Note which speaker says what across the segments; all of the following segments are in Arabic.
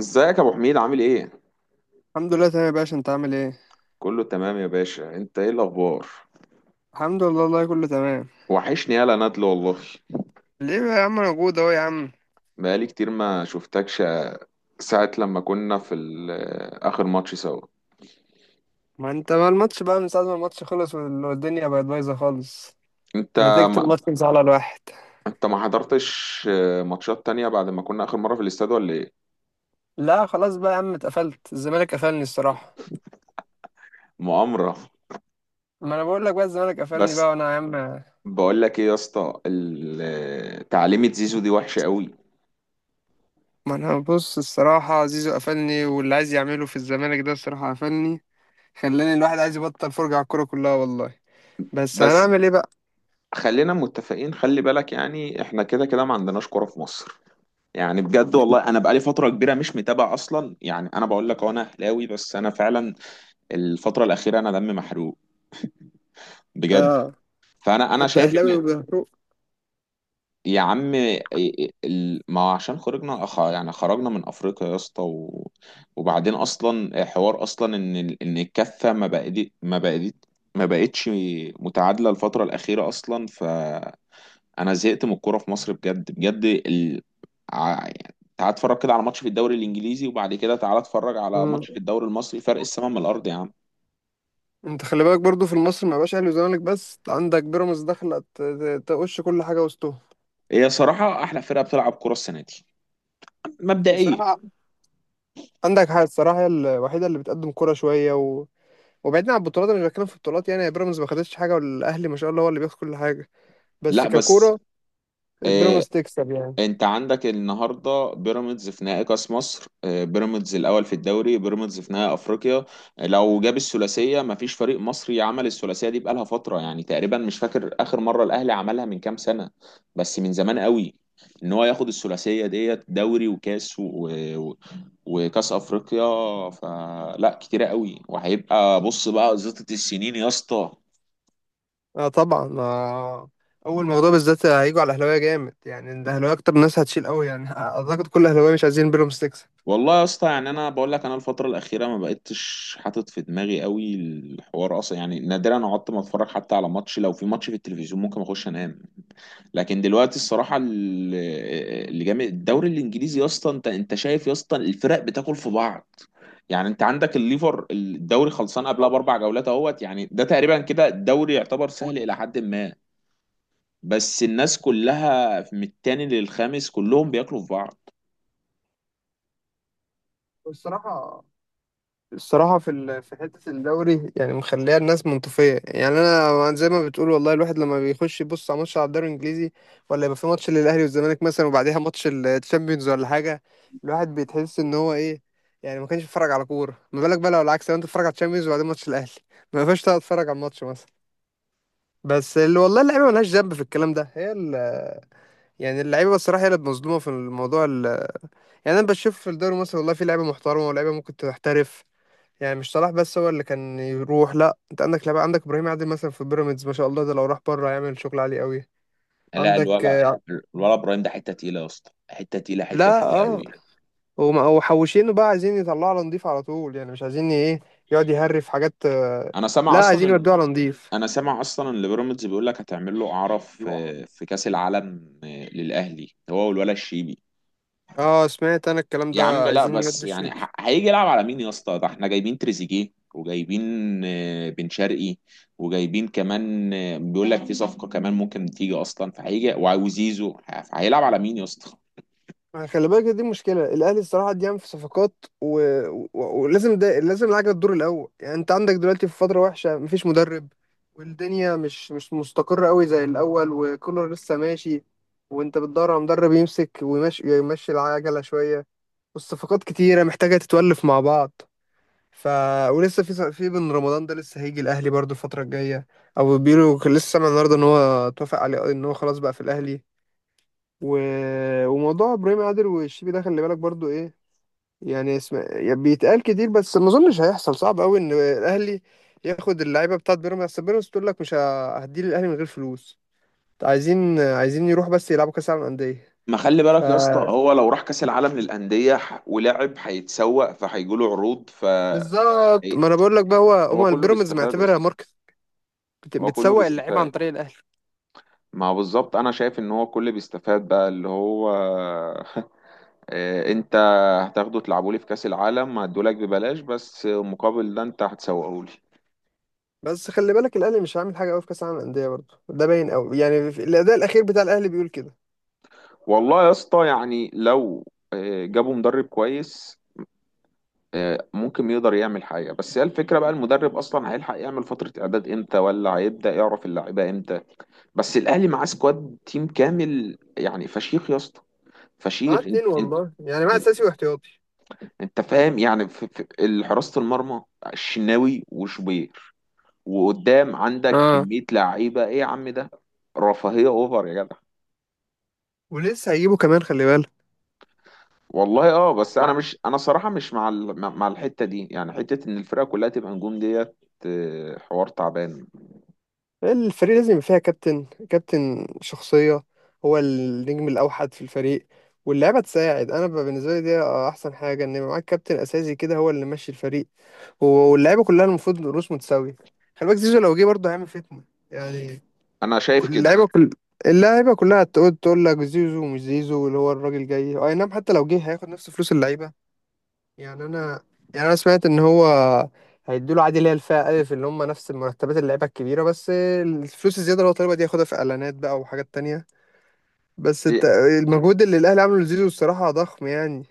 Speaker 1: ازيك يا ابو حميد؟ عامل ايه؟
Speaker 2: الحمد لله تمام يا باشا، انت عامل ايه؟
Speaker 1: كله تمام يا باشا. انت ايه الاخبار؟
Speaker 2: الحمد لله والله كله تمام.
Speaker 1: وحشني، يالا ندل والله.
Speaker 2: ليه بقى يا عم؟ انا موجود اهو يا عم.
Speaker 1: بقالي كتير ما شفتكش. ساعة لما كنا في اخر ماتش سوا.
Speaker 2: ما انت، ما الماتش بقى من ساعه ما الماتش خلص والدنيا بقت بايظه خالص.
Speaker 1: انت
Speaker 2: نتيجه
Speaker 1: ما
Speaker 2: الماتش مزعله الواحد.
Speaker 1: انت ما حضرتش ماتشات تانية بعد ما كنا اخر مرة في الاستاد ولا ايه؟
Speaker 2: لا خلاص بقى يا عم، اتقفلت الزمالك، قفلني الصراحه.
Speaker 1: مؤامرة.
Speaker 2: ما انا بقول لك بقى الزمالك قفلني بقى،
Speaker 1: بس
Speaker 2: وانا يا عم.
Speaker 1: بقول لك ايه يا اسطى، تعليمة زيزو دي وحشة قوي.
Speaker 2: ما انا بص الصراحه زيزو قفلني، واللي عايز يعمله في الزمالك ده الصراحه قفلني. خلاني الواحد عايز يبطل فرجه على الكوره كلها والله. بس
Speaker 1: بس
Speaker 2: هنعمل ايه بقى؟
Speaker 1: خلينا متفقين، خلي بالك يعني احنا كده كده ما عندناش كرة في مصر. يعني بجد والله انا بقالي فتره كبيره مش متابع اصلا. يعني انا بقول لك أهو، انا اهلاوي بس انا فعلا الفتره الاخيره انا دمي محروق بجد.
Speaker 2: اه،
Speaker 1: فانا
Speaker 2: حتى
Speaker 1: شايف
Speaker 2: اهلاوي.
Speaker 1: ان، يا عم ما هو عشان خرجنا، يعني خرجنا من افريقيا يا اسطى. وبعدين اصلا حوار اصلا ان ان الكفه ما بقت ما بقتش متعادله الفتره الاخيره اصلا. انا زهقت من الكوره في مصر بجد بجد. يعني تعال اتفرج كده على ماتش في الدوري الانجليزي وبعد كده تعال اتفرج على ماتش في
Speaker 2: وبيهرب.
Speaker 1: الدوري المصري. فرق السماء من الارض يا عم.
Speaker 2: انت خلي بالك برضو، في مصر ما بقاش اهلي وزمالك بس، عندك بيراميدز داخله تقش كل حاجه وسطهم.
Speaker 1: هي صراحه احلى فرقه بتلعب كوره السنه دي مبدئيا.
Speaker 2: الصراحه، عندك حاجه الصراحه، هي الوحيده اللي بتقدم كوره شويه. و... وبعيدنا عن البطولات، انا مش بتكلم في البطولات، يعني بيراميدز ما خدتش حاجه والاهلي ما شاء الله هو اللي بياخد كل حاجه. بس
Speaker 1: لا بس،
Speaker 2: ككوره
Speaker 1: آه،
Speaker 2: بيراميدز تكسب يعني.
Speaker 1: انت عندك النهارده بيراميدز في نهائي كاس مصر، آه، بيراميدز الاول في الدوري، بيراميدز في نهائي افريقيا. آه، لو جاب الثلاثيه مفيش فريق مصري عمل الثلاثيه دي بقالها فتره. يعني تقريبا مش فاكر اخر مره الاهلي عملها من كام سنه، بس من زمان قوي، ان هو ياخد الثلاثيه ديت، دوري وكاس و... وكاس افريقيا. فلا كتيره قوي، وهيبقى بص بقى زيطه السنين يا اسطى.
Speaker 2: اه، طبعا. اول موضوع بالذات هيجوا على الاهلاويه جامد، يعني الاهلاويه اكتر ناس هتشيل قوي، يعني اعتقد كل الاهلاويه مش عايزين بيراميدز تكسب.
Speaker 1: والله يا اسطى يعني انا بقول لك، انا الفتره الاخيره ما بقتش حاطط في دماغي قوي الحوار اصلا. يعني نادرا قعدت ما اتفرج حتى على ماتش، لو في ماتش في التلفزيون ممكن اخش انام. لكن دلوقتي الصراحه اللي جامد الدوري الانجليزي يا اسطى. انت شايف يا اسطى، الفرق بتاكل في بعض. يعني انت عندك الليفر الدوري خلصان قبلها
Speaker 2: أول-
Speaker 1: باربع جولات اهوت. يعني ده تقريبا كده الدوري يعتبر سهل
Speaker 2: أول-
Speaker 1: الى حد ما، بس الناس كلها من التاني للخامس كلهم بياكلوا في بعض.
Speaker 2: والصراحة في حتة الدوري يعني مخليها الناس منطفية، يعني أنا زي ما بتقول والله، الواحد لما بيخش يبص على ماتش على الدوري الإنجليزي، ولا يبقى في ماتش للأهلي والزمالك مثلا وبعديها ماتش الشامبيونز ولا حاجة، الواحد بيتحس إن هو إيه، يعني ما كانش بيتفرج على كورة. ما بالك بقى لو العكس، لو أنت بتتفرج على الشامبيونز وبعدين ماتش الأهلي ما ينفعش تقعد تتفرج على الماتش مثلا. بس اللي والله، اللعيبة ملهاش ذنب في الكلام ده، هي ال- يعني اللعيبة الصراحة هي اللي مظلومة في الموضوع ال- يعني أنا بشوف في الدوري المصري والله في لعيبة محترمة ولعيبة ممكن تحترف، يعني مش صلاح بس هو اللي كان يروح. لا، انت عندك لعيبه، عندك ابراهيم عادل مثلا في بيراميدز، ما شاء الله ده لو راح بره هيعمل شغل عالي قوي.
Speaker 1: لا
Speaker 2: عندك
Speaker 1: الولا الولا ابراهيم ده حته تقيله يا اسطى، حته تقيله، حته
Speaker 2: لا
Speaker 1: تقيله
Speaker 2: اه.
Speaker 1: قوي.
Speaker 2: وحوشينه بقى، عايزين يطلعوا على نضيف على طول، يعني مش عايزين ايه، يقعد يهري في حاجات.
Speaker 1: انا سامع
Speaker 2: لا
Speaker 1: اصلا
Speaker 2: عايزين
Speaker 1: ان،
Speaker 2: يودوه على نضيف.
Speaker 1: بيراميدز بيقول لك هتعمل له اعاره في كاس العالم، آه، للاهلي، هو والولا الشيبي.
Speaker 2: اه، سمعت انا الكلام
Speaker 1: يا عم
Speaker 2: ده،
Speaker 1: لا
Speaker 2: عايزين يودوا
Speaker 1: بس يعني
Speaker 2: الشيب.
Speaker 1: هيجي يلعب على مين يا اسطى؟ ده احنا جايبين تريزيجيه وجايبين، آه، بن شرقي، وجايبين كمان، آه، بيقول لك في صفقه كمان ممكن تيجي اصلا. فهيجي وزيزو، فهيلعب على مين يا اسطى؟
Speaker 2: ما خلي بالك دي مشكلة الأهلي الصراحة، دي في صفقات، و... و... ولازم ده لازم العجلة تدور الأول. يعني أنت عندك دلوقتي في فترة وحشة، مفيش مدرب والدنيا مش مستقرة قوي زي الأول، وكولر لسه ماشي وأنت بتدور على مدرب يمسك ويمشي، يمشي العجلة شوية، والصفقات كتيرة محتاجة تتولف مع بعض. ف ولسه في بن رمضان ده لسه هيجي الأهلي برضو الفترة الجاية، أو بيقولوا لسه، سامع النهاردة إن هو اتوافق عليه إن هو خلاص بقى في الأهلي. و... وموضوع ابراهيم عادل والشيبي ده خلي بالك برضو ايه، يعني اسم يعني بيتقال كتير، بس ما اظنش هيحصل، صعب قوي ان الاهلي ياخد اللعيبه بتاعت بيراميدز. أصل بيراميدز تقول لك مش هديه للاهلي من غير فلوس، عايزين يروح بس يلعبوا كاس العالم للانديه.
Speaker 1: ما خلي
Speaker 2: ف
Speaker 1: بالك يا اسطى، هو لو راح كاس العالم للانديه ولعب، هيتسوق فهيجي له عروض.
Speaker 2: بالظبط،
Speaker 1: هي-
Speaker 2: ما انا بقول لك بقى، هو
Speaker 1: هو
Speaker 2: هما
Speaker 1: كله
Speaker 2: البيراميدز
Speaker 1: بيستفاد يا
Speaker 2: معتبرها
Speaker 1: اسطى.
Speaker 2: ماركت،
Speaker 1: هو كله
Speaker 2: بتسوق اللعيبه عن
Speaker 1: بيستفاد.
Speaker 2: طريق الاهلي.
Speaker 1: ما بالظبط انا شايف ان هو كله بيستفاد بقى، اللي هو إيه، انت هتاخده تلعبوا لي في كاس العالم هدولك ببلاش، بس مقابل ده انت هتسوقوا لي.
Speaker 2: بس خلي بالك الاهلي مش هيعمل حاجه قوي في كاس العالم للانديه برضو، ده باين قوي، يعني الاداء الاخير بتاع الاهلي بيقول كده.
Speaker 1: والله يا اسطى يعني لو، إيه، جابوا مدرب كويس، إيه، ممكن يقدر يعمل حاجه. بس هي الفكره بقى المدرب اصلا هيلحق يعمل فتره اعداد امتى، ولا هيبدا يعرف اللعيبه امتى؟ بس الاهلي معاه سكواد تيم كامل يعني، فشيخ يا اسطى،
Speaker 2: معاه
Speaker 1: فشيخ.
Speaker 2: 2 والله، يعني معاه
Speaker 1: انت
Speaker 2: اساسي واحتياطي.
Speaker 1: انت فاهم، يعني في حراسة المرمى الشناوي وشوبير، وقدام عندك
Speaker 2: اه،
Speaker 1: كمية لعيبة، ايه يا عم ده، رفاهية اوفر يا جدع.
Speaker 2: ولسه هيجيبوا كمان خلي بالك.
Speaker 1: والله اه، بس انا صراحة مش مع ال- مع مع الحتة دي، يعني حتة ان الفرقة كلها تبقى نجوم ديت، آه، حوار تعبان.
Speaker 2: الفريق لازم يبقى فيها كابتن، كابتن شخصية، هو النجم الأوحد في الفريق واللعيبة تساعد. أنا بقى بالنسبة لي دي أحسن حاجة، إن يبقى معاك كابتن أساسي كده هو اللي ماشي الفريق، واللعيبة كلها المفروض رؤوس متساوية. خلي بالك زيزو لو جه برضه هيعمل فتنة يعني،
Speaker 1: انا شايف
Speaker 2: كل
Speaker 1: كده.
Speaker 2: اللعيبة كل اللعيبة كلها تقول لك زيزو مش زيزو، اللي هو الراجل جاي أي نعم، حتى لو جه هياخد نفس فلوس اللعيبة. يعني انا يعني انا سمعت ان هو هيدوا له عادي، اللي هي الفئه الف اللي هم نفس مرتبات اللعيبه الكبيره، بس الفلوس الزياده اللي هو طالبها دي ياخدها في اعلانات بقى وحاجات تانية. بس
Speaker 1: إيه،
Speaker 2: المجهود اللي الاهلي عامله لزيزو الصراحه ضخم يعني.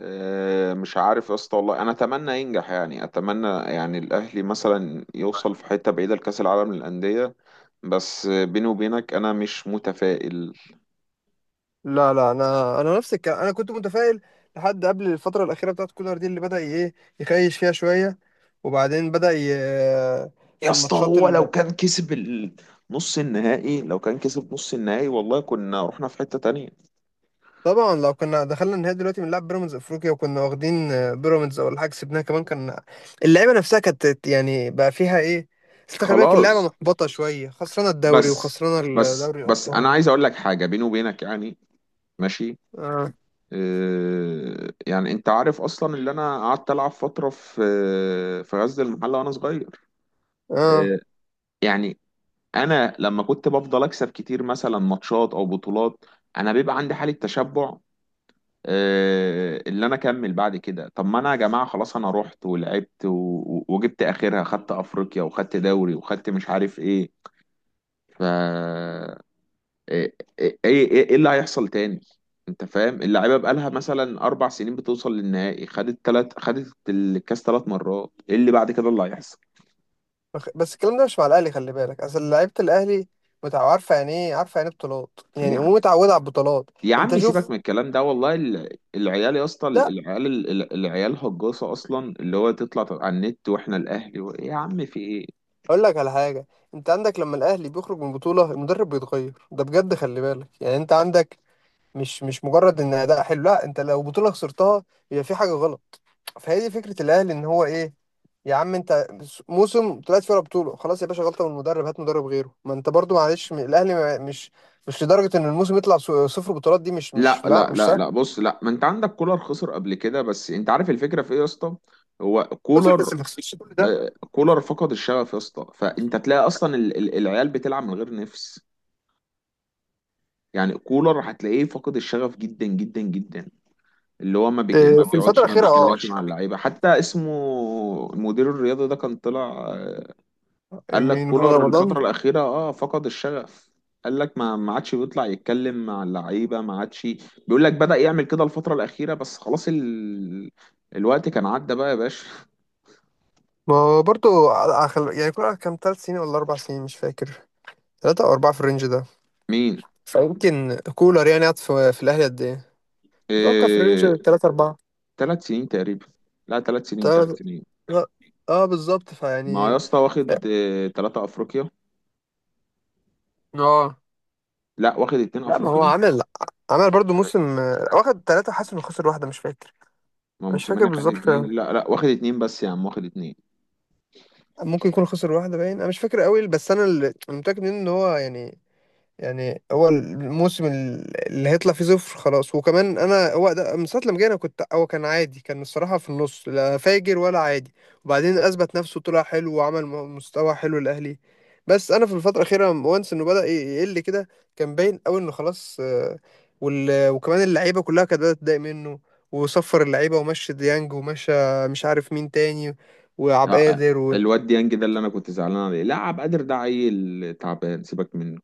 Speaker 1: آه، مش عارف يا اسطى والله. انا اتمنى ينجح، يعني اتمنى يعني الاهلي مثلا يوصل في حته بعيده لكاس العالم للانديه، بس بيني وبينك انا مش متفائل.
Speaker 2: لا، لا، انا نفس الكلام، انا كنت متفائل لحد قبل الفتره الاخيره بتاعت كولر دي، اللي بدا ايه، يخيش فيها شويه، وبعدين بدا
Speaker 1: يا
Speaker 2: في
Speaker 1: اسطى،
Speaker 2: الماتشات.
Speaker 1: هو لو كان كسب ال- نص النهائي لو كان كسب نص النهائي والله كنا رحنا في حته تانية.
Speaker 2: طبعا لو كنا دخلنا النهائي دلوقتي بنلعب بيراميدز افريقيا وكنا واخدين بيراميدز او حاجه كسبناها كمان، كان اللعيبه نفسها كانت يعني بقى فيها ايه. بس انت خلي بالك اللعبه
Speaker 1: خلاص.
Speaker 2: محبطه شويه، خسرانه الدوري
Speaker 1: بس
Speaker 2: وخسرانه
Speaker 1: بس
Speaker 2: دوري
Speaker 1: بس انا
Speaker 2: الابطال.
Speaker 1: عايز اقول لك حاجه بيني وبينك يعني، ماشي؟
Speaker 2: اه،
Speaker 1: آه، يعني انت عارف اصلا اللي انا قعدت العب فتره في غزل المحله وانا صغير.
Speaker 2: اه،
Speaker 1: آه، يعني انا لما كنت بفضل اكسب كتير مثلا ماتشات او بطولات، انا بيبقى عندي حالة تشبع. آه، اللي انا اكمل بعد كده؟ طب ما انا يا جماعة خلاص انا رحت ولعبت وجبت اخرها، خدت افريقيا وخدت دوري وخدت مش عارف ايه. آه، إيه اللي هيحصل تاني؟ انت فاهم اللعيبه بقالها مثلا 4 سنين بتوصل للنهائي، خدت تلات، خدت الكاس 3 مرات، ايه اللي بعد كده اللي هيحصل؟
Speaker 2: بس الكلام ده مش مع الاهلي، خلي بالك، اصل لعيبه الاهلي عارفه يعني ايه، عارفه يعني إيه بطولات، يعني
Speaker 1: يعني
Speaker 2: مو متعوده على البطولات.
Speaker 1: يا
Speaker 2: انت
Speaker 1: عم سيبك
Speaker 2: شوف،
Speaker 1: من الكلام ده والله. العيال يا اسطى،
Speaker 2: لا
Speaker 1: العيال، العيال هجاصه اصلا، اللي هو تطلع على النت واحنا الاهلي يا عم في ايه؟
Speaker 2: اقول لك على حاجه، انت عندك لما الاهلي بيخرج من بطوله المدرب بيتغير، ده بجد خلي بالك يعني، انت عندك مش مجرد ان اداء حلو، لا انت لو بطوله خسرتها يبقى في حاجه غلط. فهي دي فكره الاهلي، ان هو ايه، يا عم انت موسم طلعت فيه ولا بطوله، خلاص يا باشا غلطه من المدرب، هات مدرب غيره. ما انت برضو معلش الاهلي مش لدرجه ان الموسم يطلع صفر بطولات، دي مش
Speaker 1: لا
Speaker 2: مش لا
Speaker 1: لا
Speaker 2: مش
Speaker 1: لا
Speaker 2: سهل.
Speaker 1: لا، بص، لا ما انت عندك كولر خسر قبل كده، بس انت عارف الفكره في ايه يا اسطى؟ هو
Speaker 2: خسر بس
Speaker 1: كولر،
Speaker 2: ما خسرش كل ده.
Speaker 1: آه، كولر فقد الشغف يا اسطى. فانت تلاقي اصلا العيال بتلعب من غير نفس. يعني كولر هتلاقيه فقد الشغف جدا جدا جدا، اللي هو ما
Speaker 2: في الفتره
Speaker 1: بيقعدش ما
Speaker 2: الاخيره اه،
Speaker 1: بيتكلمش مع اللعيبه حتى اسمه. المدير الرياضي ده كان طلع، آه، قال لك
Speaker 2: من محمد
Speaker 1: كولر الفترة
Speaker 2: رمضان.
Speaker 1: الأخيرة فقد الشغف. قال لك ما عادش بيطلع يتكلم مع اللعيبة ما عادش. بيقول لك بدأ يعمل كده الفترة الأخيرة، بس خلاص الوقت كان عدى بقى يا باشا.
Speaker 2: ما هو برضو يعني كولر كان 3 سنين ولا 4 سنين مش فاكر، 3 أو 4 في الرينج ده.
Speaker 1: مين؟
Speaker 2: فيمكن كولر يعني قعد في الاهلي قد ايه، اتوقع في الرينج
Speaker 1: إيه...
Speaker 2: 3-4.
Speaker 1: 3 سنين تقريبا. لا، 3 سنين، تلات
Speaker 2: تلات
Speaker 1: سنين
Speaker 2: لا، اه بالظبط،
Speaker 1: ما يا
Speaker 2: فيعني
Speaker 1: اسطى واخد تلاتة أفريقيا.
Speaker 2: اه.
Speaker 1: لا، واخد اتنين
Speaker 2: لا ما هو
Speaker 1: أفريقيا.
Speaker 2: عمل، عمل برضو
Speaker 1: مش فاكر.
Speaker 2: موسم، واخد 3، حاسس إنه خسر واحدة مش فاكر.
Speaker 1: ما
Speaker 2: مش فاكر
Speaker 1: موسيماني خد
Speaker 2: بالظبط،
Speaker 1: اتنين، لا لا، واخد اتنين بس يا عم، واخد اتنين.
Speaker 2: ممكن يكون خسر واحدة باين، أنا مش فاكر قوي، بس أنا اللي أنا متأكد منه إن هو يعني، يعني هو الموسم اللي هيطلع فيه صفر خلاص. وكمان انا هو ده من ساعه لما جينا، كنت هو كان عادي، كان الصراحه في النص لا فاجر ولا عادي، وبعدين اثبت نفسه طلع حلو وعمل مستوى حلو الاهلي. بس انا في الفتره الاخيره وانس انه يقل كده، كان باين قوي انه خلاص. وال... وكمان اللعيبه كلها كانت بدات تضايق منه، وصفر اللعيبه ومشي ديانج ومشى مش عارف مين تاني،
Speaker 1: آه،
Speaker 2: وعبد
Speaker 1: آه.
Speaker 2: القادر
Speaker 1: الواد ديانج ده اللي انا كنت زعلان عليه، لا، عبد القادر ده عيل تعبان سيبك منه.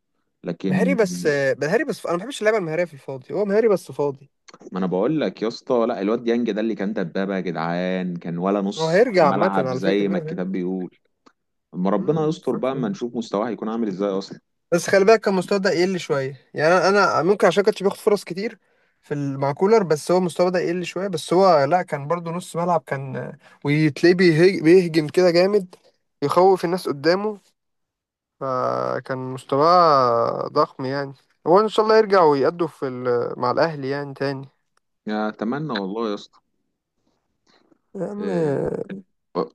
Speaker 2: ومهاري
Speaker 1: لكن،
Speaker 2: بس. مهاري بس انا ما بحبش اللعيبه المهاريه في الفاضي، هو مهاري بس فاضي.
Speaker 1: ما انا بقول لك يا اسطى، لا الواد ديانج ده اللي كان دبابه يا جدعان، كان ولا
Speaker 2: ما هو
Speaker 1: نص
Speaker 2: هيرجع عامة
Speaker 1: ملعب
Speaker 2: على فكرة،
Speaker 1: زي ما
Speaker 2: بيقولوا هيرجع.
Speaker 1: الكتاب بيقول. اما ربنا
Speaker 2: مم.
Speaker 1: يستر بقى اما نشوف مستواه هيكون عامل ازاي اصلا.
Speaker 2: بس خلي بالك كان مستواه ده يقل شوية يعني، أنا ممكن عشان كانش بياخد فرص كتير مع كولر، بس هو مستواه بدأ يقل شوية، بس هو لا كان برضو نص ملعب، كان وتلاقيه بيهجم كده جامد، يخوف الناس قدامه، فكان مستواه ضخم يعني. هو إن شاء الله يرجع ويأدوا مع الأهلي يعني تاني.
Speaker 1: يا اتمنى والله يا اسطى.
Speaker 2: يا
Speaker 1: آه،
Speaker 2: عم،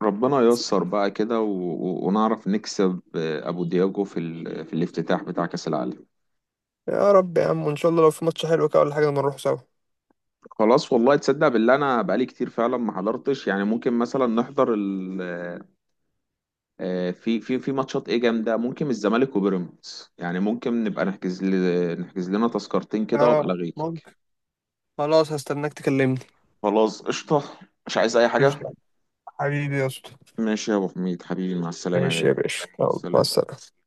Speaker 1: ربنا ييسر بقى كده ونعرف نكسب، آه، ابو دياجو في في الافتتاح بتاع كاس العالم.
Speaker 2: يا رب يا عم، وإن شاء الله لو في ماتش حلو كده ولا حاجة نروح سوا.
Speaker 1: خلاص والله تصدق بالله انا بقالي كتير فعلا ما حضرتش. يعني ممكن مثلا نحضر آه، في ماتشات ايه جامده، ممكن الزمالك وبيراميدز، يعني ممكن نبقى نحجز نحجز لنا تذكرتين كده وابقى
Speaker 2: اه
Speaker 1: الغيك.
Speaker 2: ممكن. خلاص هستناك تكلمني.
Speaker 1: خلاص قشطه، مش عايز اي حاجه.
Speaker 2: قشطة. حبيبي يا اسطى.
Speaker 1: ماشي يا ابو حميد حبيبي، مع السلامه يا
Speaker 2: ماشي يا
Speaker 1: غالي.
Speaker 2: باشا، يلا مع
Speaker 1: سلام.
Speaker 2: السلامة.